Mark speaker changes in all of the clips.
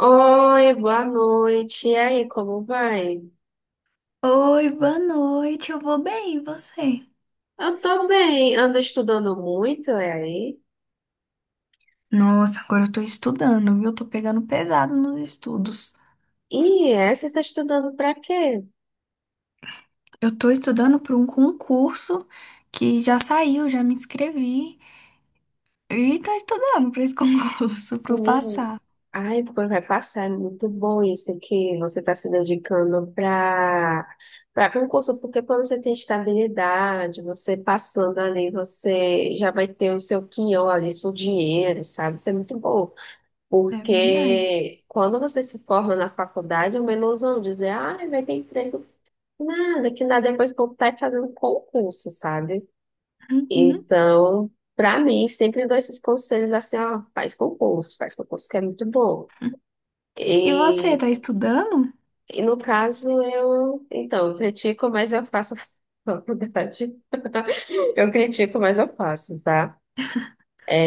Speaker 1: Oi, boa noite. E aí, como vai?
Speaker 2: Oi, boa noite. Eu vou bem, e você?
Speaker 1: Eu tô bem, ando estudando muito, e aí?
Speaker 2: Nossa, agora eu tô estudando, viu? Eu tô pegando pesado nos estudos.
Speaker 1: E é, você tá estudando pra quê?
Speaker 2: Eu tô estudando para um concurso que já saiu, já me inscrevi. E tô estudando para esse concurso, para eu
Speaker 1: Menino,
Speaker 2: passar.
Speaker 1: ai, pô, vai passar, é muito bom isso que você está se dedicando para concurso, porque quando você tem estabilidade, você passando ali, você já vai ter o seu quinhão ali, seu dinheiro, sabe? Isso é muito bom.
Speaker 2: É verdade.
Speaker 1: Porque quando você se forma na faculdade, é uma ilusão dizer, ai, vai ter emprego. Nada, que nada depois que eu tá fazendo concurso, sabe?
Speaker 2: Uhum.
Speaker 1: Então, pra mim, sempre dou esses conselhos assim, ó, faz concurso que é muito bom.
Speaker 2: E você,
Speaker 1: E,
Speaker 2: tá estudando?
Speaker 1: e no caso, eu, então, eu critico, mas eu faço faculdade. Eu critico, mas eu faço, tá?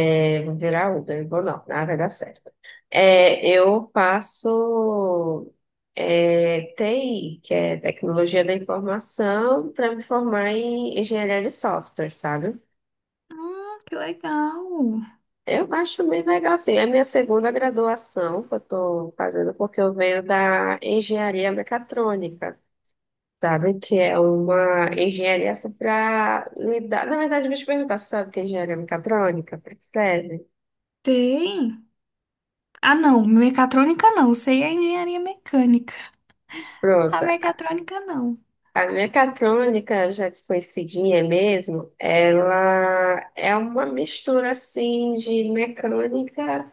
Speaker 1: Eu vou virar Uber, vou não, nada vai dar certo. É, eu faço é, TI, que é Tecnologia da Informação, para me formar em Engenharia de Software, sabe?
Speaker 2: Ah, que legal.
Speaker 1: Eu acho bem legal, sim. É a minha segunda graduação que eu estou fazendo, porque eu venho da engenharia mecatrônica, sabe? Que é uma engenharia para lidar. Na verdade, deixa eu te perguntar, você sabe o que é engenharia mecatrônica? Pra que serve?
Speaker 2: Tem. Ah, não, mecatrônica não. Sei a engenharia mecânica. A
Speaker 1: Pronto.
Speaker 2: mecatrônica não.
Speaker 1: A mecatrônica, já desconhecidinha mesmo, ela é uma mistura, assim, de mecânica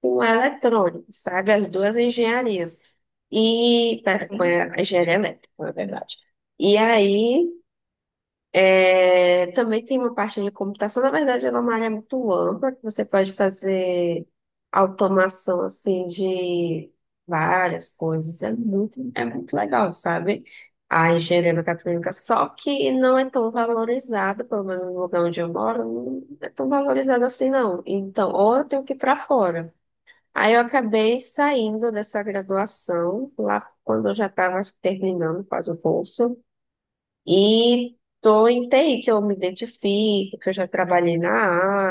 Speaker 1: com eletrônico, sabe? As duas engenharias. E, pera, com
Speaker 2: Tem.
Speaker 1: a engenharia elétrica, na verdade. E aí, é, também tem uma parte de computação, na verdade, ela é uma área muito ampla, que você pode fazer automação, assim, de várias coisas. É muito legal, sabe? A engenharia mecatrônica, só que não é tão valorizada, pelo menos no lugar onde eu moro, não é tão valorizada assim, não. Então, ou eu tenho que ir para fora. Aí eu acabei saindo dessa graduação, lá quando eu já estava terminando quase o curso, e estou em TI, que eu me identifico, que eu já trabalhei na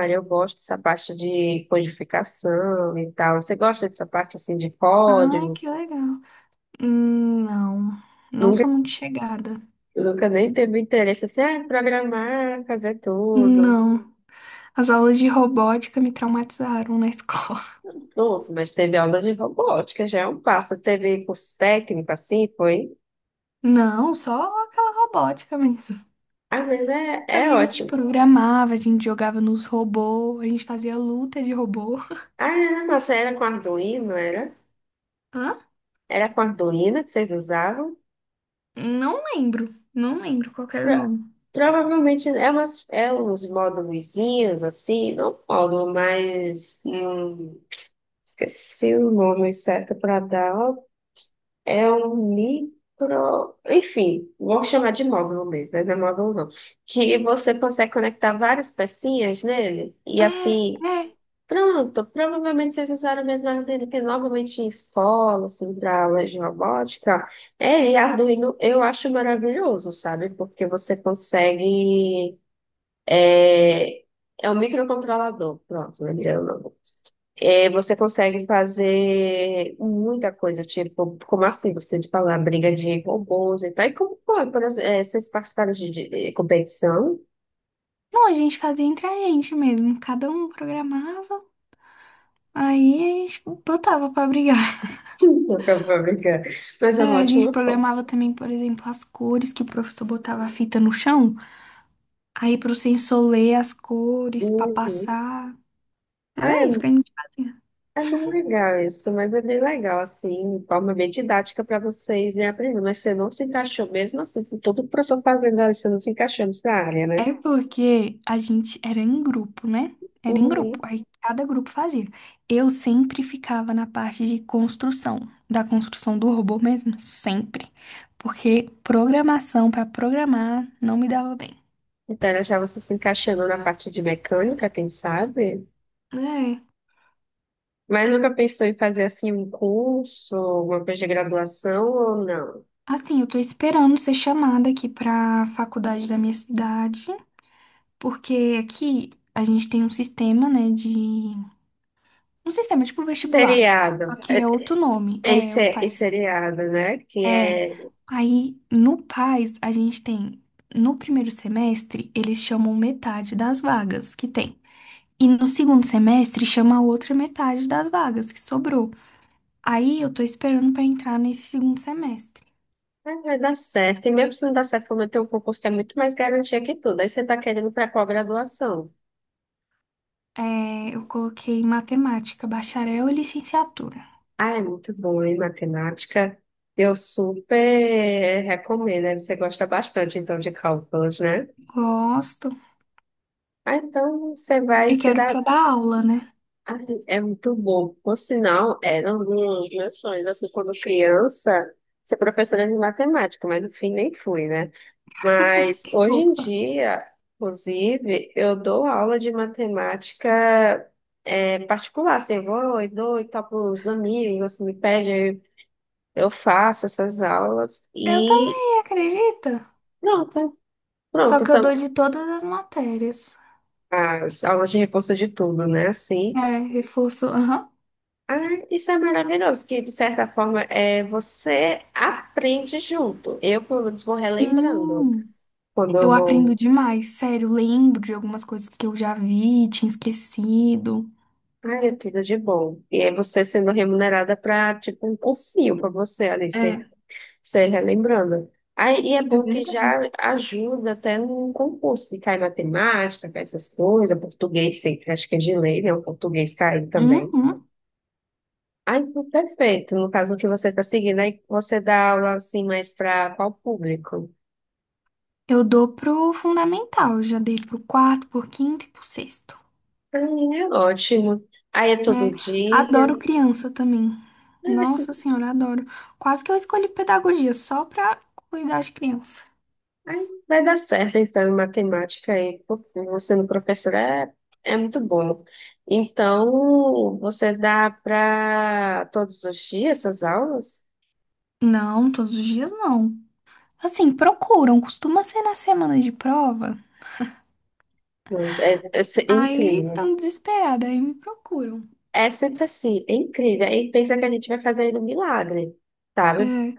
Speaker 1: área, eu gosto dessa parte de codificação e tal. Você gosta dessa parte assim de
Speaker 2: Ah,
Speaker 1: códigos?
Speaker 2: que legal. Não, não
Speaker 1: Nunca,
Speaker 2: sou muito chegada.
Speaker 1: nunca nem teve interesse assim, ah, programar, fazer tudo.
Speaker 2: Não, as aulas de robótica me traumatizaram na escola.
Speaker 1: Não, mas teve aula de robótica, já é um passo. Teve curso técnico assim, foi.
Speaker 2: Não, só aquela robótica mesmo.
Speaker 1: Ah, mas é,
Speaker 2: Mas
Speaker 1: é
Speaker 2: a gente
Speaker 1: ótimo.
Speaker 2: programava, a gente jogava nos robôs, a gente fazia luta de robô.
Speaker 1: Ah, era, nossa, era com Arduino, era?
Speaker 2: Hã?
Speaker 1: Era com Arduino que vocês usavam?
Speaker 2: Não lembro, não lembro qual que era o
Speaker 1: Pro-
Speaker 2: nome.
Speaker 1: provavelmente é, umas, é uns módulozinhos, assim, não módulo, mas esqueci o nome certo para dar. É um micro. Enfim, vou chamar de módulo mesmo, né? Não é módulo não. Que você consegue conectar várias pecinhas nele e
Speaker 2: É,
Speaker 1: assim.
Speaker 2: é.
Speaker 1: Pronto, provavelmente vocês usaram a mesma armadilha que normalmente em escola, assim, para aulas de robótica. É, e Arduino eu acho maravilhoso, sabe? Porque você consegue. É é um microcontrolador, pronto, lembrei o nome. É, você consegue fazer muita coisa, tipo, como assim? Você de falar briga de robôs e tal. E como foi? Por exemplo, é, vocês participaram de, de competição?
Speaker 2: Não, a gente fazia entre a gente mesmo, cada um programava, aí a gente botava pra brigar.
Speaker 1: Não, eu vou brincar. Mas é um
Speaker 2: É, a gente
Speaker 1: ótimo foco.
Speaker 2: programava também, por exemplo, as cores que o professor botava a fita no chão. Aí pro sensor ler as cores pra
Speaker 1: Uhum.
Speaker 2: passar.
Speaker 1: Ah,
Speaker 2: Era
Speaker 1: é.
Speaker 2: isso que a gente fazia.
Speaker 1: É bem legal isso, mas é bem legal, assim, de forma bem didática para vocês irem aprendendo. Mas você não se encaixou mesmo assim, com todo o professor fazendo ali, você não se encaixou nessa área, né?
Speaker 2: É porque a gente era em grupo, né? Era em grupo.
Speaker 1: Uhum.
Speaker 2: Aí cada grupo fazia. Eu sempre ficava na parte de construção, da construção do robô mesmo, sempre. Porque programação pra programar não me dava bem.
Speaker 1: Então, era já você se encaixando na parte de mecânica, quem sabe?
Speaker 2: É.
Speaker 1: Mas nunca pensou em fazer, assim, um curso, uma coisa de graduação ou não?
Speaker 2: Assim, eu tô esperando ser chamada aqui pra faculdade da minha cidade, porque aqui a gente tem um sistema, né, de um sistema tipo vestibular, só
Speaker 1: Seriado, é,
Speaker 2: que é outro nome,
Speaker 1: é em
Speaker 2: é o
Speaker 1: em
Speaker 2: Paz. PAS.
Speaker 1: seriado, né? Que
Speaker 2: É.
Speaker 1: é,
Speaker 2: Aí no PAS a gente tem, no primeiro semestre, eles chamam metade das vagas que tem. E no segundo semestre chama a outra metade das vagas que sobrou. Aí eu tô esperando pra entrar nesse segundo semestre.
Speaker 1: ah, vai dar certo. E mesmo se não dar certo, como eu tenho um concurso que é muito mais garantia que tudo. Aí você tá querendo para qual graduação?
Speaker 2: É, eu coloquei matemática, bacharel e licenciatura.
Speaker 1: Ah, é muito bom, hein, matemática? Eu super recomendo, né? Você gosta bastante, então, de cálculos, né?
Speaker 2: Gosto.
Speaker 1: Ah, então você vai
Speaker 2: E
Speaker 1: se
Speaker 2: quero
Speaker 1: dar...
Speaker 2: pra dar aula, né?
Speaker 1: Ah, é muito bom. Por sinal, era um dos meus sonhos, assim, quando criança, ser professora de matemática, mas no fim nem fui, né? Mas hoje em
Speaker 2: Opa.
Speaker 1: dia, inclusive, eu dou aula de matemática é, particular, assim, eu vou e dou e tal para os amigos, me pedem, eu faço essas aulas
Speaker 2: Eu
Speaker 1: e
Speaker 2: também, acredita?
Speaker 1: pronto,
Speaker 2: Só
Speaker 1: pronto.
Speaker 2: que eu
Speaker 1: Então,
Speaker 2: dou de todas as matérias.
Speaker 1: as aulas de reforço de tudo, né? Assim,
Speaker 2: É, reforço. Aham.
Speaker 1: ah, isso é maravilhoso, que de certa forma é, você aprende junto. Eu, pelo menos, vou relembrando
Speaker 2: Sim.
Speaker 1: quando
Speaker 2: Eu
Speaker 1: eu
Speaker 2: aprendo
Speaker 1: vou.
Speaker 2: demais, sério. Lembro de algumas coisas que eu já vi, tinha esquecido.
Speaker 1: Ai, é tudo de bom. E é você sendo remunerada para, tipo, um cursinho para você, ali.
Speaker 2: É,
Speaker 1: Sei, relembrando. Aí, e é
Speaker 2: é
Speaker 1: bom que já
Speaker 2: verdade.
Speaker 1: ajuda até no concurso, que cai matemática, cai essas coisas, português sempre, acho que é de lei, né? O português cai também.
Speaker 2: Uhum.
Speaker 1: Aí, perfeito. No caso que você está seguindo, aí você dá aula assim mais para qual público?
Speaker 2: Eu dou pro fundamental. Eu já dei pro quarto, pro quinto e pro sexto.
Speaker 1: Aí é ótimo. Aí é
Speaker 2: É,
Speaker 1: todo
Speaker 2: adoro
Speaker 1: dia.
Speaker 2: criança também. Nossa senhora, adoro. Quase que eu escolhi pedagogia só pra cuidar de criança.
Speaker 1: Aí vai dar certo, então, em matemática aí, porque você no professor é, é muito bom. Então, você dá para todos os dias essas aulas?
Speaker 2: Não, todos os dias não. Assim, procuram. Costuma ser na semana de prova.
Speaker 1: Não, é, é, é
Speaker 2: Aí
Speaker 1: incrível.
Speaker 2: tão desesperada, aí me procuram.
Speaker 1: É sempre assim, é incrível. Aí pensa que a gente vai fazer aí um milagre, sabe?
Speaker 2: É,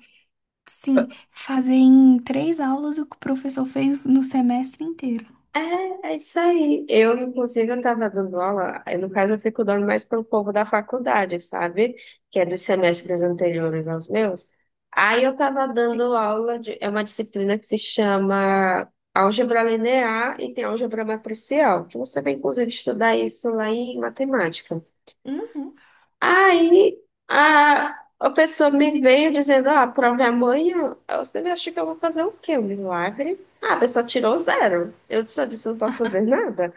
Speaker 2: sim, fazer em três aulas o que o professor fez no semestre inteiro.
Speaker 1: É, é isso aí. Eu, inclusive, eu estava dando aula, aí, no caso, eu fico dando mais para o povo da faculdade, sabe? Que é dos semestres anteriores aos meus. Aí eu estava dando aula de, é uma disciplina que se chama álgebra linear e tem álgebra matricial, que você vai, inclusive, estudar isso lá em matemática.
Speaker 2: Uhum.
Speaker 1: Aí a pessoa me veio dizendo, ah, a prova é amanhã. Aí você acha que eu vou fazer o quê? Um milagre? Ah, a pessoa tirou zero. Eu só disse, eu não posso fazer nada.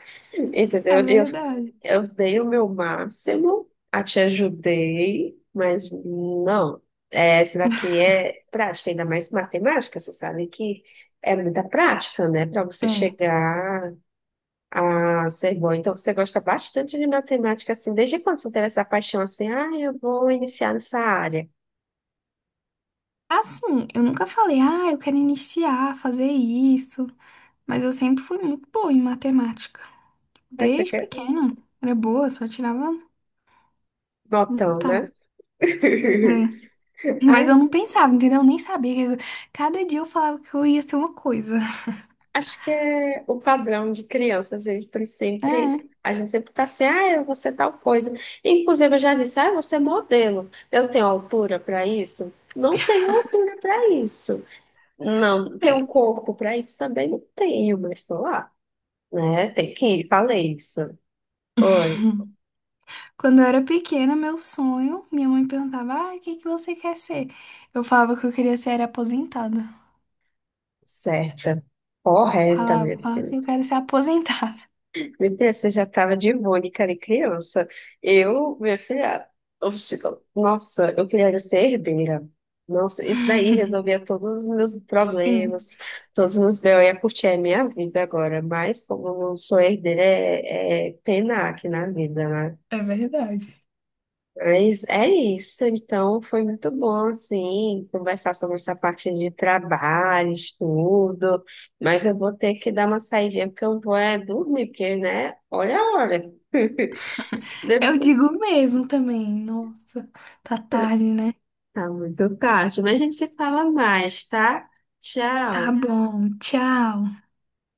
Speaker 2: É
Speaker 1: Entendeu?
Speaker 2: verdade.
Speaker 1: Eu dei o meu máximo, a te ajudei, mas não. É, essa daqui é prática, ainda mais matemática, você sabe que é muita prática, né? Para você
Speaker 2: É.
Speaker 1: chegar ah, sei bom. Então você gosta bastante de matemática, assim. Desde quando você teve essa paixão assim? Ah, eu vou iniciar nessa área.
Speaker 2: Assim, eu nunca falei, ah, eu quero iniciar, fazer isso. Mas eu sempre fui muito boa em matemática.
Speaker 1: Aí você
Speaker 2: Desde
Speaker 1: quer
Speaker 2: pequena. Era boa, só tirava um.
Speaker 1: notão,
Speaker 2: Tá.
Speaker 1: né?
Speaker 2: É. Mas
Speaker 1: Ai,
Speaker 2: eu não pensava, entendeu? Eu nem sabia. Cada dia eu falava que eu ia ser uma coisa.
Speaker 1: acho que é o padrão de crianças, eles por sempre.
Speaker 2: É.
Speaker 1: A gente sempre tá assim, ah, eu vou ser tal coisa. Inclusive, eu já disse, ah, eu vou ser modelo. Eu tenho altura para isso? Não tenho altura para isso. Não, tenho um corpo para isso? Também não tenho, mas estou lá, né? Tem que ir, falei isso. Oi.
Speaker 2: Quando eu era pequena, meu sonho, minha mãe perguntava: ah, o que que você quer ser? Eu falava que eu queria ser aposentada.
Speaker 1: Certa, correta, minha
Speaker 2: Falava, falava
Speaker 1: filha.
Speaker 2: assim, eu quero ser aposentada.
Speaker 1: Meu Deus, você já estava de Mônica de criança. Eu, minha filha, oxe, nossa, eu queria ser herdeira. Nossa, isso daí resolvia todos os meus problemas,
Speaker 2: Sim,
Speaker 1: todos os meus B.O. Eu ia curtir a minha vida agora, mas como eu não sou herdeira, é, é pena aqui na vida, né?
Speaker 2: é verdade.
Speaker 1: Mas é isso, então foi muito bom, assim, conversar sobre essa parte de trabalho, estudo, mas eu vou ter que dar uma saidinha, porque eu vou é dormir, porque, né, olha a hora.
Speaker 2: Eu
Speaker 1: Depois-
Speaker 2: digo mesmo também. Nossa, tá tarde, né?
Speaker 1: Tá muito tarde, mas a gente se fala mais, tá?
Speaker 2: Tá
Speaker 1: Tchau.
Speaker 2: bom, tchau.